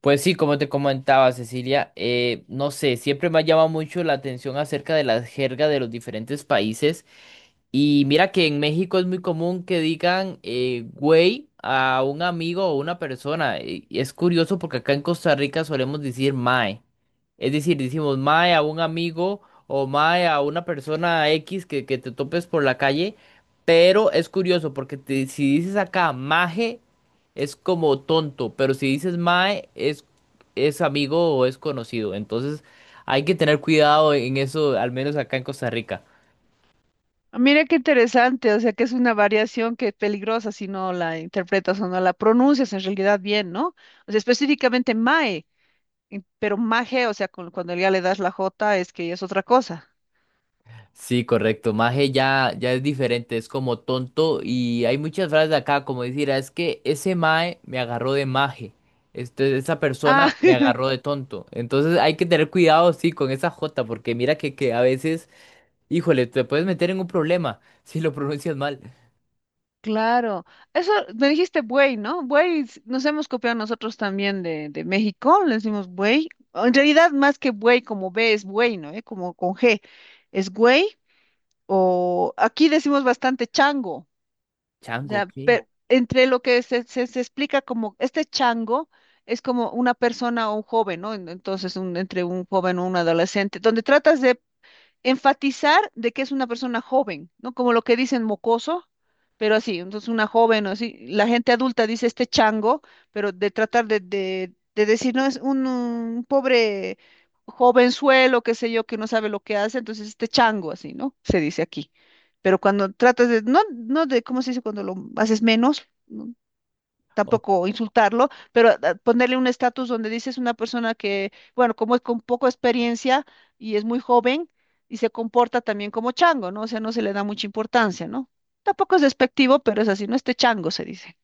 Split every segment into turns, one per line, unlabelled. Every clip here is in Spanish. Pues sí, como te comentaba Cecilia, no sé, siempre me ha llamado mucho la atención acerca de la jerga de los diferentes países. Y mira que en México es muy común que digan güey a un amigo o una persona. Y es curioso porque acá en Costa Rica solemos decir mae. Es decir, decimos mae a un amigo o mae a una persona X que te topes por la calle, pero es curioso porque si dices acá maje es como tonto, pero si dices mae es amigo o es conocido. Entonces hay que tener cuidado en eso, al menos acá en Costa Rica.
Ah, mira qué interesante, o sea que es una variación que es peligrosa si no la interpretas o no la pronuncias en realidad bien, ¿no? O sea, específicamente mae, pero maje, o sea, cuando ya le das la jota es que ya es otra cosa.
Sí, correcto. Maje ya, ya es diferente, es como tonto. Y hay muchas frases acá, como decir, "Ah, es que ese mae me agarró de maje. Este, esa persona
Ah,
me agarró de tonto. Entonces hay que tener cuidado, sí, con esa jota porque mira que a veces, híjole, te puedes meter en un problema si lo pronuncias mal.
claro. Eso me dijiste buey, ¿no? Buey, nos hemos copiado nosotros también de México, le decimos buey. O en realidad, más que buey, como B es buey, ¿no? ¿Eh? Como con G, es güey. O aquí decimos bastante chango. O
Chango,
sea,
¿qué?
entre lo que se explica como este chango es como una persona o un joven, ¿no? Entonces, entre un joven o un adolescente, donde tratas de enfatizar de que es una persona joven, ¿no? Como lo que dicen mocoso, pero así, entonces una joven o así, la gente adulta dice este chango, pero de tratar de decir, no, es un, pobre jovenzuelo, qué sé yo, que no sabe lo que hace, entonces este chango, así, ¿no? Se dice aquí. Pero cuando tratas de, no de, ¿cómo se dice? Cuando lo haces menos, ¿no?
Ok.
Tampoco insultarlo, pero ponerle un estatus donde dices una persona que, bueno, como es con poca experiencia y es muy joven y se comporta también como chango, ¿no? O sea, no se le da mucha importancia, ¿no? Tampoco es despectivo, pero es así, no este chango se dice.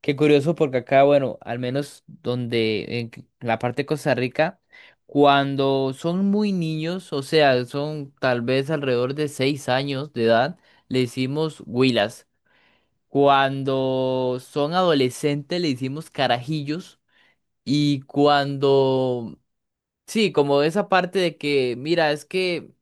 Qué curioso porque acá, bueno, al menos donde en la parte de Costa Rica, cuando son muy niños, o sea, son tal vez alrededor de 6 años de edad, le decimos huilas. Cuando son adolescentes le decimos carajillos y cuando, sí, como esa parte de que, mira, es que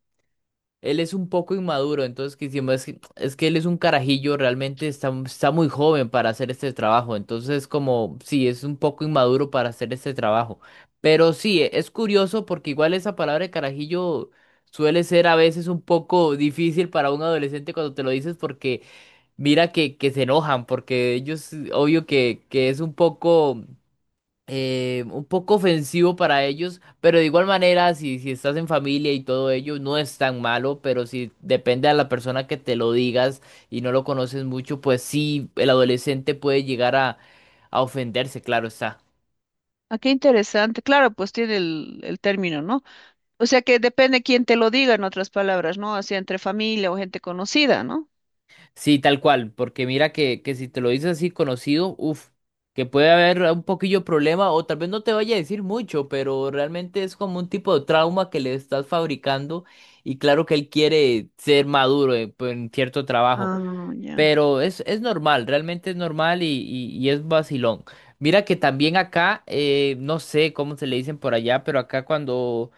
él es un poco inmaduro, entonces que hicimos es que él es un carajillo, realmente está, está muy joven para hacer este trabajo, entonces como sí, es un poco inmaduro para hacer este trabajo. Pero sí, es curioso porque igual esa palabra de carajillo suele ser a veces un poco difícil para un adolescente cuando te lo dices porque mira que se enojan, porque ellos obvio que es un poco ofensivo para ellos, pero de igual manera, si, si estás en familia y todo ello, no es tan malo, pero si depende a la persona que te lo digas y no lo conoces mucho, pues sí, el adolescente puede llegar a ofenderse, claro está.
Ah, qué interesante. Claro, pues tiene el término, ¿no? O sea que depende quién te lo diga, en otras palabras, ¿no? Así entre familia o gente conocida, ¿no?
Sí, tal cual, porque mira que si te lo dices así conocido, uff, que puede haber un poquillo problema o tal vez no te vaya a decir mucho, pero realmente es como un tipo de trauma que le estás fabricando y claro que él quiere ser maduro pues, en cierto trabajo.
Ah, ya.
Pero es normal, realmente es normal y, y es vacilón. Mira que también acá, no sé cómo se le dicen por allá, pero acá cuando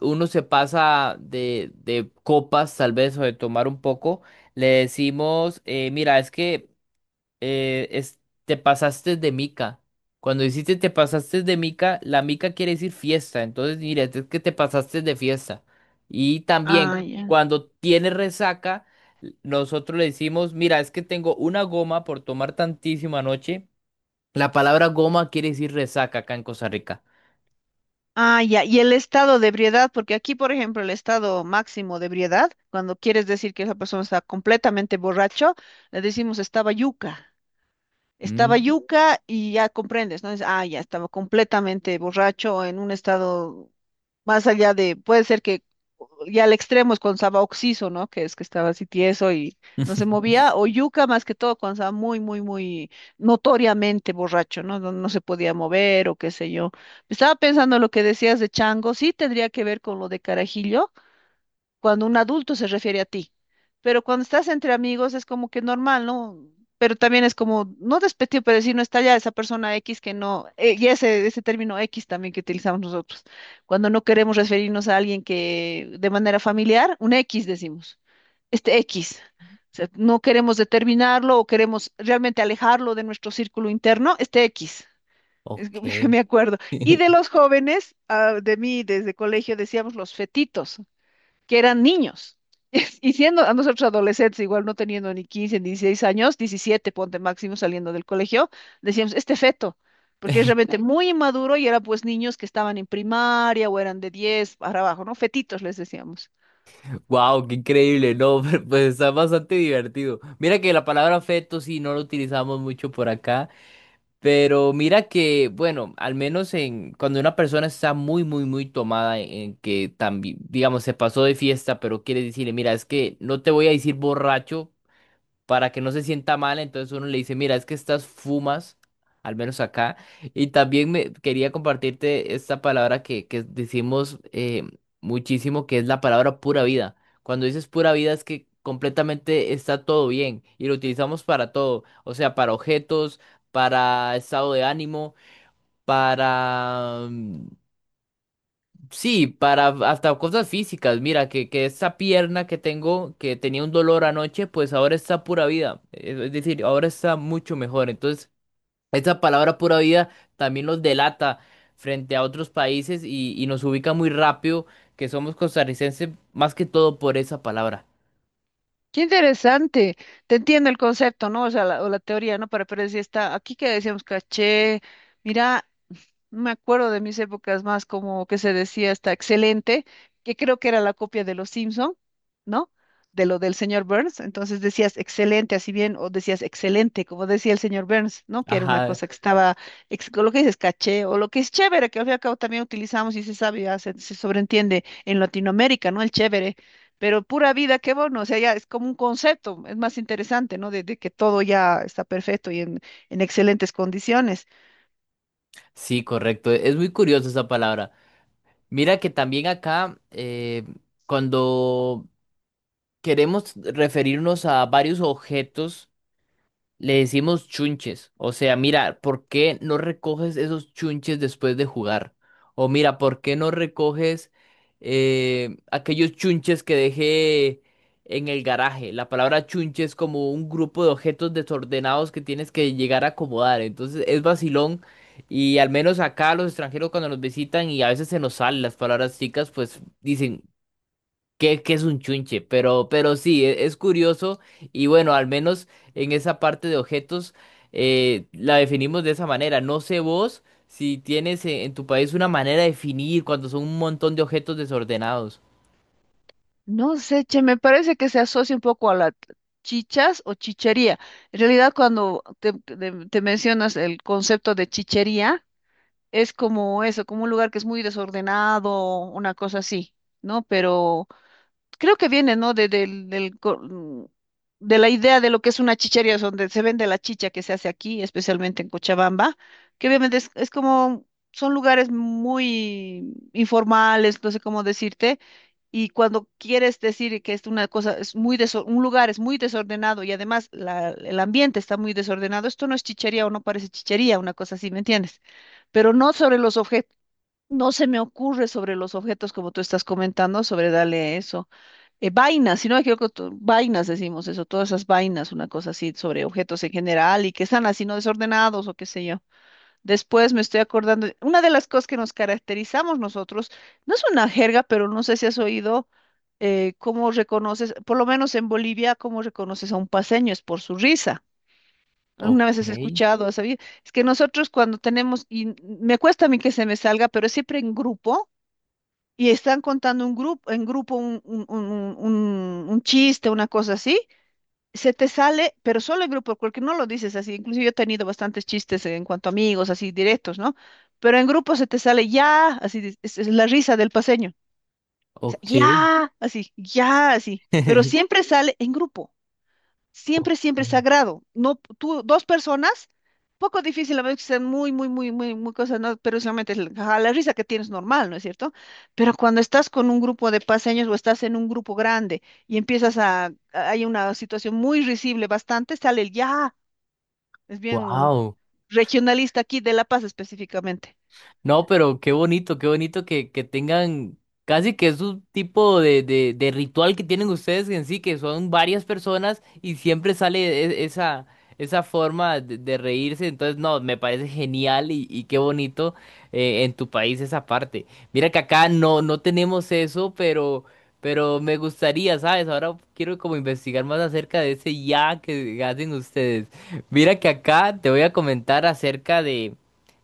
uno se pasa de copas, tal vez, o de tomar un poco, le decimos, mira, es que es, te pasaste de mica. Cuando hiciste te pasaste de mica, la mica quiere decir fiesta. Entonces, mira, este es que te pasaste de fiesta. Y también,
Ah, ya.
cuando tienes resaca, nosotros le decimos, mira, es que tengo una goma por tomar tantísima noche. La palabra goma quiere decir resaca acá en Costa Rica.
Ah, ya, y el estado de ebriedad, porque aquí, por ejemplo, el estado máximo de ebriedad, cuando quieres decir que esa persona está completamente borracho, le decimos estaba yuca. Estaba
Mm.
yuca y ya comprendes, ¿no? Ya estaba completamente borracho en un estado más allá de, puede ser que ya al extremo es cuando estaba oxiso, ¿no? Que es que estaba así tieso y no se movía, o yuca más que todo cuando estaba muy, muy, muy notoriamente borracho, ¿no? No, no se podía mover o qué sé yo. Estaba pensando lo que decías de chango, sí tendría que ver con lo de Carajillo, cuando un adulto se refiere a ti. Pero cuando estás entre amigos es como que normal, ¿no? Pero también es como, no despectivo, pero decir, no está ya esa persona X que no, y ese término X también que utilizamos nosotros. Cuando no queremos referirnos a alguien que de manera familiar, un X decimos, este X. O sea, no queremos determinarlo o queremos realmente alejarlo de nuestro círculo interno, este X. Es que
Ok.
me acuerdo. Y de los jóvenes, de mí desde colegio decíamos los fetitos que eran niños. Y siendo a nosotros adolescentes, igual no teniendo ni 15 ni 16 años, 17 ponte máximo saliendo del colegio, decíamos, este feto, porque es realmente, claro, muy inmaduro y era pues niños que estaban en primaria o eran de 10 para abajo, ¿no? Fetitos les decíamos.
Wow, qué increíble, no, pero, pues está bastante divertido. Mira que la palabra feto sí no lo utilizamos mucho por acá. Pero mira que, bueno, al menos en cuando una persona está muy, muy, muy tomada en que también, digamos, se pasó de fiesta, pero quiere decirle, mira, es que no te voy a decir borracho, para que no se sienta mal, entonces uno le dice, mira, es que estas fumas, al menos acá, y también me quería compartirte esta palabra que decimos muchísimo, que es la palabra pura vida. Cuando dices pura vida es que completamente está todo bien y lo utilizamos para todo, o sea, para objetos, para estado de ánimo, para sí, para hasta cosas físicas. Mira, que esa pierna que tengo, que tenía un dolor anoche, pues ahora está pura vida. Es decir, ahora está mucho mejor. Entonces, esa palabra pura vida también nos delata frente a otros países y nos ubica muy rápido que somos costarricenses más que todo por esa palabra.
Qué interesante, te entiendo el concepto, ¿no? O sea, o la teoría, ¿no? Pero decía, está aquí que decíamos, caché, mira, me acuerdo de mis épocas más como que se decía está excelente, que creo que era la copia de los Simpson, ¿no? De lo del señor Burns. Entonces decías excelente, así bien, o decías excelente, como decía el señor Burns, ¿no? Que era una
Ajá,
cosa que estaba, con lo que dices caché, o lo que es chévere, que al fin y al cabo también utilizamos y se sabe, ya se sobreentiende en Latinoamérica, ¿no? El chévere. Pero pura vida, qué bueno, o sea, ya es como un concepto, es más interesante, ¿no? De que todo ya está perfecto y en excelentes condiciones.
sí, correcto. Es muy curiosa esa palabra. Mira que también acá, cuando queremos referirnos a varios objetos, le decimos chunches. O sea, mira, ¿por qué no recoges esos chunches después de jugar? O mira, ¿por qué no recoges aquellos chunches que dejé en el garaje? La palabra chunche es como un grupo de objetos desordenados que tienes que llegar a acomodar. Entonces es vacilón. Y al menos acá los extranjeros cuando nos visitan y a veces se nos salen las palabras chicas, pues dicen, que es un chunche, pero sí, es, curioso y bueno, al menos en esa parte de objetos la definimos de esa manera. No sé vos si tienes en tu país una manera de definir cuando son un montón de objetos desordenados.
No sé, che, me parece que se asocia un poco a la chichas o chichería. En realidad, cuando te mencionas el concepto de chichería, es como eso, como un lugar que es muy desordenado, una cosa así, ¿no? Pero creo que viene, ¿no? De, del, del co- mm, De la idea de lo que es una chichería, donde se vende la chicha que se hace aquí, especialmente en Cochabamba, que obviamente es como, son lugares muy informales, no sé cómo decirte, y cuando quieres decir que es una cosa, es muy un lugar es muy desordenado y además el ambiente está muy desordenado, esto no es chichería o no parece chichería, una cosa así, ¿me entiendes? Pero no sobre los objetos. No se me ocurre sobre los objetos como tú estás comentando, sobre darle eso vainas, si no me equivoco, vainas decimos eso, todas esas vainas, una cosa así sobre objetos en general y que están así no desordenados o qué sé yo. Después me estoy acordando, una de las cosas que nos caracterizamos nosotros, no es una jerga, pero no sé si has oído cómo reconoces, por lo menos en Bolivia, cómo reconoces a un paseño, es por su risa. Alguna vez
Ok,
has escuchado, has sabido, es que nosotros cuando tenemos, y me cuesta a mí que se me salga, pero es siempre en grupo y están contando un grupo, en grupo un chiste, una cosa así, se te sale, pero solo en grupo, porque no lo dices así. Incluso yo he tenido bastantes chistes en cuanto a amigos, así directos, ¿no? Pero en grupo se te sale ya, así, dices, es la risa del paseño. O sea,
ok.
ya, así, ya, así. Pero siempre sale en grupo siempre, siempre sagrado. No, tú, dos personas, poco difícil, a veces que sean muy, muy, muy, muy, muy cosas, ¿no? Pero solamente es la, ajá, la risa que tienes normal, ¿no es cierto? Pero cuando estás con un grupo de paseños o estás en un grupo grande y empiezas hay una situación muy risible, bastante, sale el ya, es bien
Wow.
regionalista aquí de La Paz específicamente.
No, pero qué bonito que tengan casi que es un tipo de ritual que tienen ustedes en sí, que son varias personas y siempre sale esa, esa forma de reírse. Entonces, no, me parece genial y qué bonito en tu país esa parte. Mira que acá no, no tenemos eso, pero me gustaría, ¿sabes? Ahora quiero como investigar más acerca de ese ya que hacen ustedes. Mira que acá te voy a comentar acerca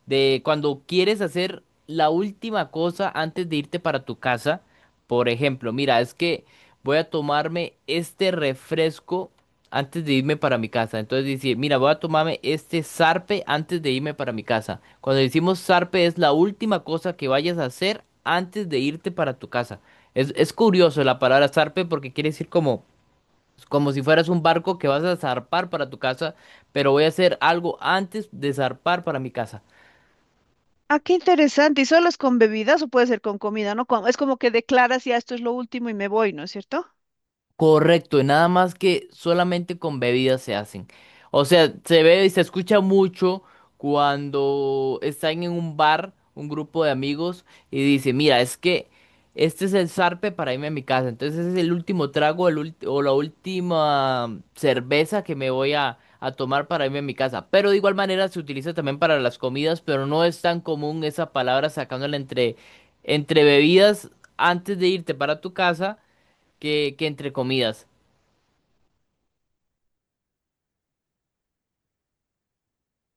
de cuando quieres hacer la última cosa antes de irte para tu casa. Por ejemplo, mira, es que voy a tomarme este refresco antes de irme para mi casa. Entonces decir, mira, voy a tomarme este zarpe antes de irme para mi casa. Cuando decimos zarpe es la última cosa que vayas a hacer antes de irte para tu casa. Es curioso la palabra zarpe porque quiere decir como, como si fueras un barco que vas a zarpar para tu casa, pero voy a hacer algo antes de zarpar para mi casa.
Ah, qué interesante. ¿Y solo es con bebidas o puede ser con comida, no? Es como que declaras ya esto es lo último y me voy, ¿no es cierto?
Correcto, y nada más que solamente con bebidas se hacen. O sea, se ve y se escucha mucho cuando están en un bar, un grupo de amigos, y dice, mira, es que este es el zarpe para irme a mi casa. Entonces es el último trago el o la última cerveza que me voy a tomar para irme a mi casa. Pero de igual manera se utiliza también para las comidas, pero no es tan común esa palabra sacándola entre, entre bebidas antes de irte para tu casa que entre comidas.